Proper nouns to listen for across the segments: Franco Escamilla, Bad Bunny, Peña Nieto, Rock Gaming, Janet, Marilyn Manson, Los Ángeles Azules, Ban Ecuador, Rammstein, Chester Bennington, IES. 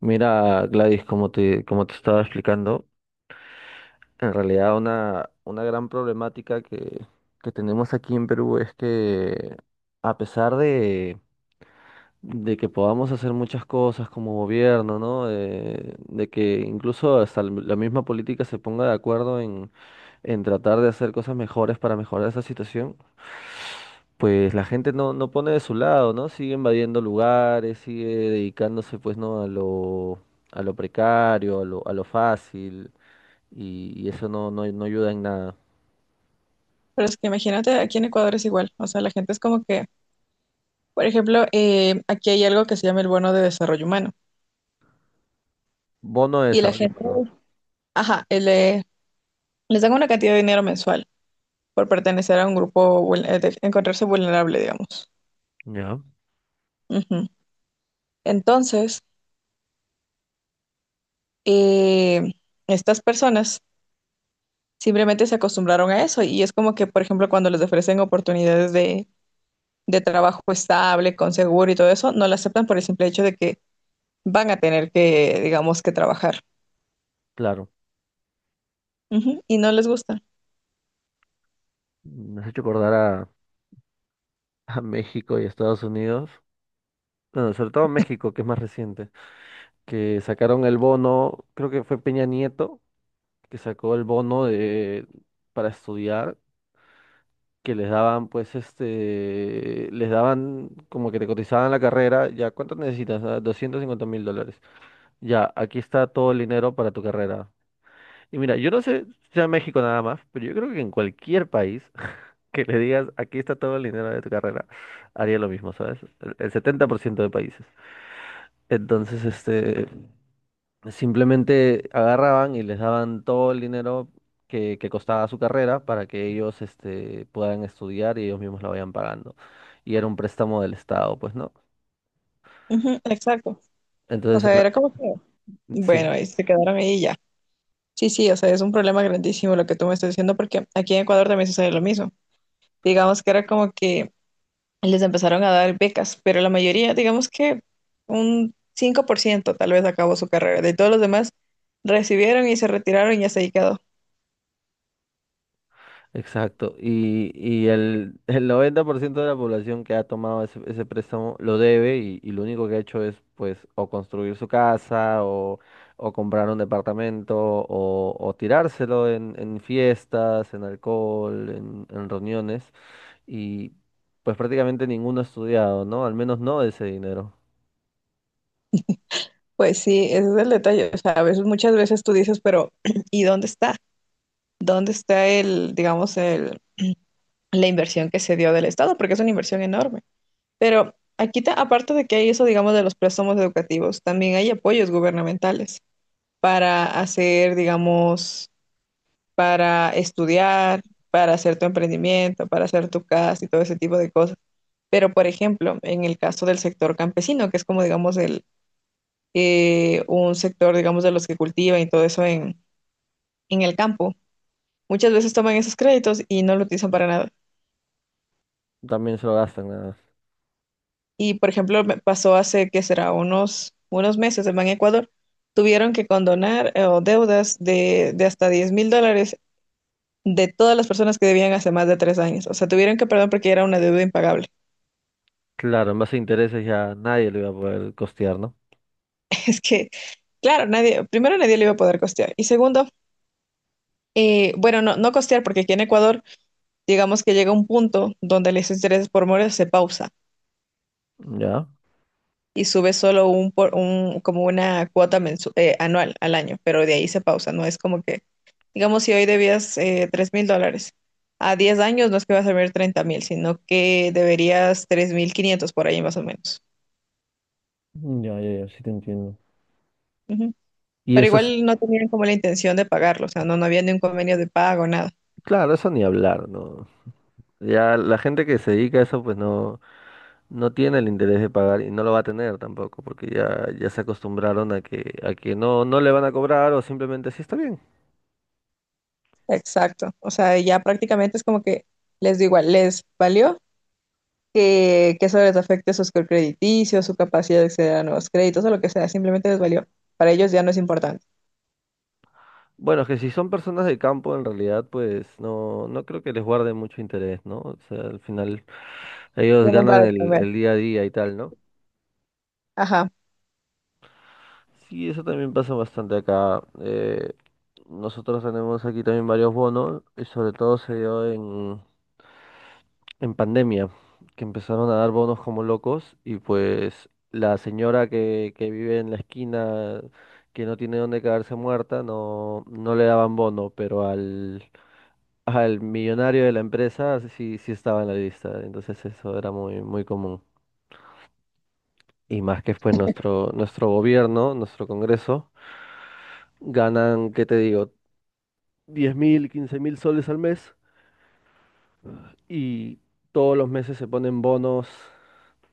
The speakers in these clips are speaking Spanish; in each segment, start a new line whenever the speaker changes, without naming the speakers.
Mira, Gladys, como te estaba explicando, en realidad una gran problemática que tenemos aquí en Perú es que a pesar de que podamos hacer muchas cosas como gobierno, ¿no? De que incluso hasta la misma política se ponga de acuerdo en tratar de hacer cosas mejores para mejorar esa situación, pues la gente no pone de su lado, ¿no? Sigue invadiendo lugares, sigue dedicándose pues no a lo precario, a lo fácil, y eso no ayuda en nada.
Pero es que imagínate, aquí en Ecuador es igual. O sea, la gente es como que, por ejemplo, aquí hay algo que se llama el bono de desarrollo humano.
Bono de
Y la
desarrollo
gente,
humano.
ajá, les dan una cantidad de dinero mensual por pertenecer a un grupo, de encontrarse vulnerable, digamos.
Ya,
Ujú. Entonces, eh, estas personas simplemente se acostumbraron a eso. Y es como que, por ejemplo, cuando les ofrecen oportunidades de trabajo estable, con seguro y todo eso, no la aceptan por el simple hecho de que van a tener que, digamos, que trabajar.
claro.
Ujú. Y no les gusta.
Me has hecho acordar a México y Estados Unidos. Bueno, sobre todo México, que es más reciente, que sacaron el bono, creo que fue Peña Nieto, que sacó el bono de, para estudiar que les daban, pues, este, les daban como que te cotizaban la carrera, ya, ¿cuánto necesitas? Ah, 250.000 dólares. Ya, aquí está todo el dinero para tu carrera. Y mira, yo no sé si sea en México nada más, pero yo creo que en cualquier país que le digas, aquí está todo el dinero de tu carrera, haría lo mismo, ¿sabes? El 70% de países. Entonces, este, simplemente agarraban y les daban todo el dinero que costaba su carrera para que ellos este, puedan estudiar y ellos mismos la vayan pagando. Y era un préstamo del Estado, pues, ¿no?
Ujú. Exacto. O
Entonces, en
sea,
la-
era como que, bueno,
sí.
ahí se quedaron ahí y ya. Sí, sí, o sea, es un problema grandísimo lo que tú me estás diciendo porque aquí en Ecuador también sucede lo mismo. Digamos que era como que les empezaron a dar becas, pero la mayoría, digamos que un 5% tal vez acabó su carrera. De todos los demás recibieron y se retiraron y hasta ahí quedó.
Exacto, y el, el 90% de la población que ha tomado ese préstamo lo debe y lo único que ha hecho es pues o construir su casa o comprar un departamento o tirárselo en fiestas, en alcohol, en reuniones y pues prácticamente ninguno ha estudiado, ¿no? Al menos no ese dinero.
Pues sí, ese es el detalle. O sea, a veces, muchas veces tú dices, pero ¿y dónde está? ¿Dónde está el, digamos, la inversión que se dio del Estado? Porque es una inversión enorme. Pero aquí, aparte de que hay eso, digamos, de los préstamos educativos, también hay apoyos gubernamentales para hacer, digamos, para estudiar, para hacer tu emprendimiento, para hacer tu casa y todo ese tipo de cosas. Pero, por ejemplo, en el caso del sector campesino, que es como, digamos, un sector, digamos, de los que cultivan y todo eso en el campo, muchas veces toman esos créditos y no lo utilizan para nada.
También se lo gastan nada más.
Y por ejemplo, me pasó hace que será unos meses en Ban Ecuador, tuvieron que condonar o deudas de hasta $10,000 de todas las personas que debían hace más de 3 años. O sea, tuvieron que perdón porque era una deuda impagable.
Claro, en base a intereses ya nadie lo iba a poder costear, ¿no?
Es que, claro, nadie, primero nadie le iba a poder costear. Y segundo, bueno, no, no costear porque aquí en Ecuador, digamos que llega un punto donde los intereses por mora se pausan.
Ya.
Y sube solo un como una cuota anual al año, pero de ahí se pausa, no es como que, digamos, si hoy debías $3,000, a 10 años no es que vas a ver 30,000, sino que deberías 3,500 por ahí más o menos.
Ya, ya, ya, sí te entiendo.
Ujú.
Y
Pero
eso es,
igual no tenían como la intención de pagarlo, o sea, no, no había ni un convenio de pago, nada.
Claro, eso ni hablar, ¿no? Ya la gente que se dedica a eso, pues no, tiene el interés de pagar y no lo va a tener tampoco, porque ya se acostumbraron a que no le van a cobrar o simplemente sí está bien.
Exacto, o sea, ya prácticamente es como que les digo igual, les valió que eso les afecte su score crediticio, su capacidad de acceder a nuevos créditos o lo que sea, simplemente les valió. Para ellos ya no es importante.
Bueno, es que si son personas de campo, en realidad, pues no creo que les guarde mucho interés, ¿no? O sea, al final ellos
Tienen
ganan
para
el,
comer.
el día a día y tal, ¿no?
Ajá.
Sí, eso también pasa bastante acá. Nosotros tenemos aquí también varios bonos, y sobre todo se dio en pandemia, que empezaron a dar bonos como locos y pues la señora que vive en la esquina, que no tiene dónde quedarse muerta, no, le daban bono, pero al millonario de la empresa sí estaba en la lista, entonces eso era muy, muy común. Y más que pues nuestro gobierno, nuestro Congreso, ganan, ¿qué te digo? 10.000, 15.000 soles al mes y todos los meses se ponen bonos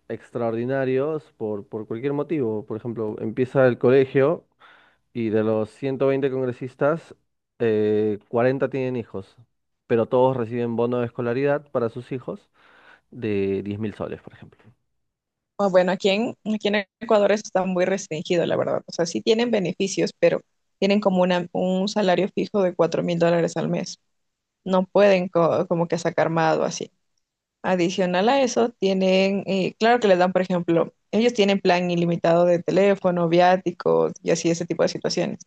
extraordinarios por cualquier motivo. Por ejemplo, empieza el colegio y de los 120 congresistas, 40 tienen hijos, pero todos reciben bono de escolaridad para sus hijos de 10 mil soles, por ejemplo.
Ah, bueno, aquí en Ecuador eso está muy restringido, la verdad. O sea, sí tienen beneficios, pero tienen como un salario fijo de $4,000 al mes. No pueden como que sacar más o así. Adicional a eso, tienen, claro que les dan, por ejemplo, ellos tienen plan ilimitado de teléfono, viáticos y así ese tipo de situaciones,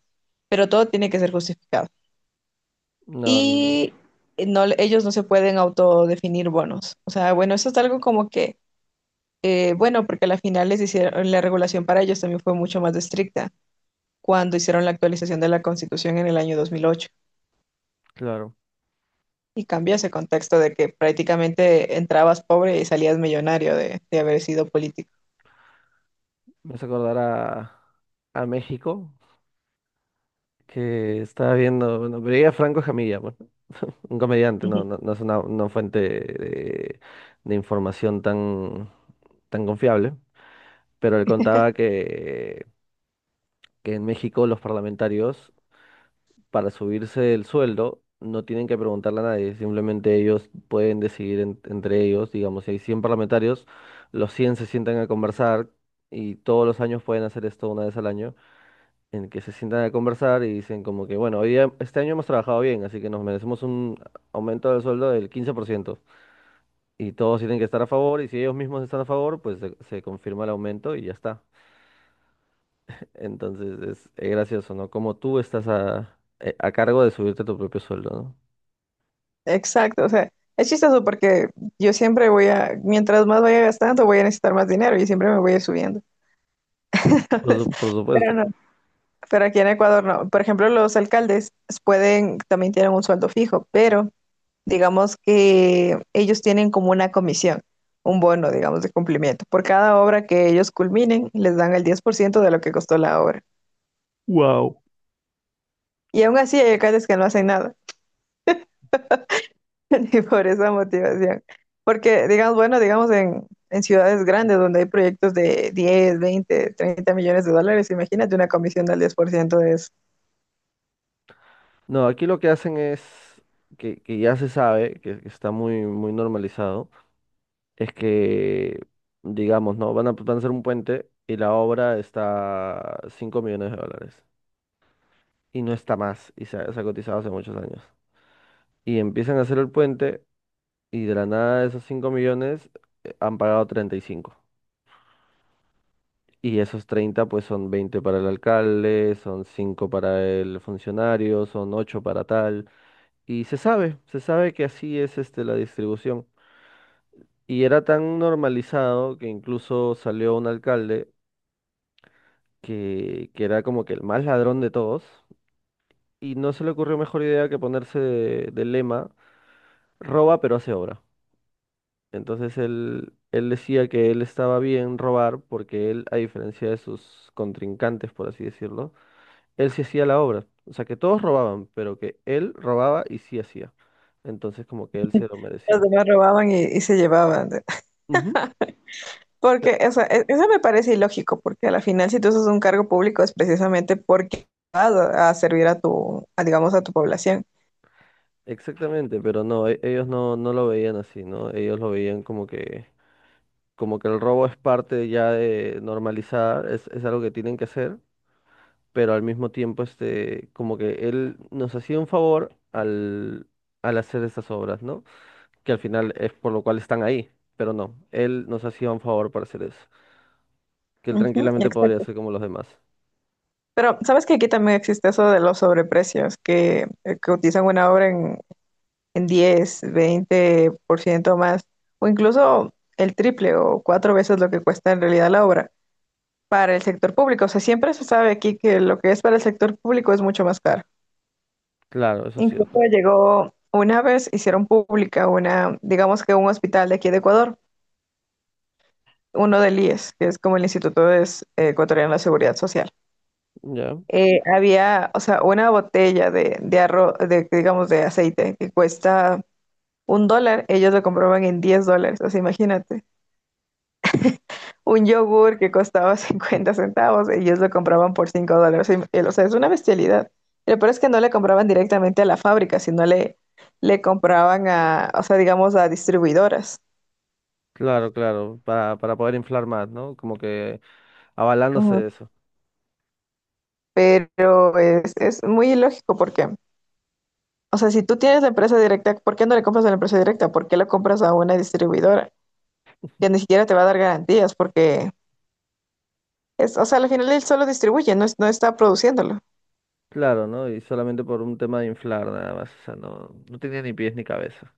pero todo tiene que ser justificado.
No, no, no,
Y no, ellos no se pueden autodefinir bonos. O sea, bueno, eso es algo como que, bueno, porque a la final les hicieron, la regulación para ellos también fue mucho más estricta cuando hicieron la actualización de la Constitución en el año 2008.
claro,
Y cambió ese contexto de que prácticamente entrabas pobre y salías millonario de haber sido político.
me hace acordar a México, que estaba viendo, bueno, veía a Franco Escamilla, bueno, un comediante, no, no, no es una fuente de información tan, tan confiable. Pero él contaba que en México los parlamentarios, para subirse el sueldo, no tienen que preguntarle a nadie, simplemente ellos pueden decidir entre ellos, digamos, si hay 100 parlamentarios, los 100 se sientan a conversar y todos los años pueden hacer esto una vez al año, en que se sientan a conversar y dicen como que, bueno, este año hemos trabajado bien, así que nos merecemos un aumento del sueldo del 15%. Y todos tienen que estar a favor, y si ellos mismos están a favor, pues se confirma el aumento y ya está. Entonces es, gracioso, ¿no? Como tú estás a cargo de subirte tu propio sueldo, ¿no?
Exacto, o sea, es chistoso porque yo siempre voy a, mientras más vaya gastando, voy a necesitar más dinero y siempre me voy a ir subiendo.
Por su- por
Pero
supuesto.
no, pero aquí en Ecuador no. Por ejemplo, los alcaldes pueden, también tienen un sueldo fijo, pero digamos que ellos tienen como una comisión, un bono, digamos, de cumplimiento. Por cada obra que ellos culminen, les dan el 10% de lo que costó la obra. Y aún así hay alcaldes que no hacen nada, ni por esa motivación. Porque, digamos, bueno, digamos en ciudades grandes donde hay proyectos de 10, 20, 30 millones de dólares, imagínate una comisión del 10% de eso.
No, aquí lo que hacen es, que ya se sabe, que está muy, muy normalizado, es que, digamos, ¿no? Van a hacer un puente y la obra está 5 millones de dólares. Y no está más, y se ha cotizado hace muchos años. Y empiezan a hacer el puente y de la nada de esos 5 millones han pagado 35. Y esos 30 pues son 20 para el alcalde, son 5 para el funcionario, son 8 para tal. Y se sabe que así es este, la distribución. Y era tan normalizado que incluso salió un alcalde que era como que el más ladrón de todos. Y no se le ocurrió mejor idea que ponerse de lema, roba pero hace obra. Entonces él, decía que él estaba bien robar porque él, a diferencia de sus contrincantes, por así decirlo, él sí hacía la obra. O sea, que todos robaban, pero que él robaba y sí hacía. Entonces, como que él se lo
Los
merecía.
demás robaban y se llevaban.
Ujú. Pe-
Porque, o sea, eso me parece ilógico, porque a la final, si tú haces un cargo público, es precisamente porque vas a servir a tu, a, digamos, a tu población.
Exactamente, pero no, ellos no, lo veían así, ¿no? Ellos lo veían como que, el robo es parte ya de normalizada, es algo que tienen que hacer, pero al mismo tiempo, este, como que él nos hacía un favor al hacer esas obras, ¿no? Que al final es por lo cual están ahí, pero no, él nos hacía un favor para hacer eso, que él
Ujú,
tranquilamente podría
exacto.
hacer como los demás.
Pero, ¿sabes que aquí también existe eso de los sobreprecios, que utilizan una obra en 10, 20% más, o incluso el triple o cuatro veces lo que cuesta en realidad la obra para el sector público? O sea, siempre se sabe aquí que lo que es para el sector público es mucho más caro.
Claro, eso es
Incluso
cierto.
llegó una vez, hicieron pública una, digamos que un hospital de aquí de Ecuador, uno del IES, que es como el Instituto de Ecuatoriano de Seguridad Social.
Ya.
Había, o sea, una botella de arroz, de, digamos, de aceite que cuesta $1, ellos lo compraban en $10, así imagínate. Un yogur que costaba 50 centavos, ellos lo compraban por $5. O sea, es una bestialidad. Lo peor es que no le compraban directamente a la fábrica, sino le compraban a, o sea, digamos, a distribuidoras.
Claro, claro. Para poder inflar más, ¿no? Como que avalándose
Ujú.
de eso.
Pero es muy ilógico porque, o sea, si tú tienes la empresa directa, ¿por qué no le compras a la empresa directa? ¿Por qué la compras a una distribuidora? Que ni siquiera te va a dar garantías porque, es, o sea, al final él solo distribuye, no, no está produciéndolo.
Claro, ¿no? Y solamente por un tema de inflar nada más. O sea, no, tenía ni pies ni cabeza.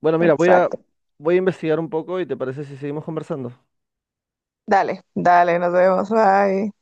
Bueno, mira, voy a,
Exacto.
voy a investigar un poco y ¿te parece si seguimos conversando?
Dale, dale, nos vemos. Bye.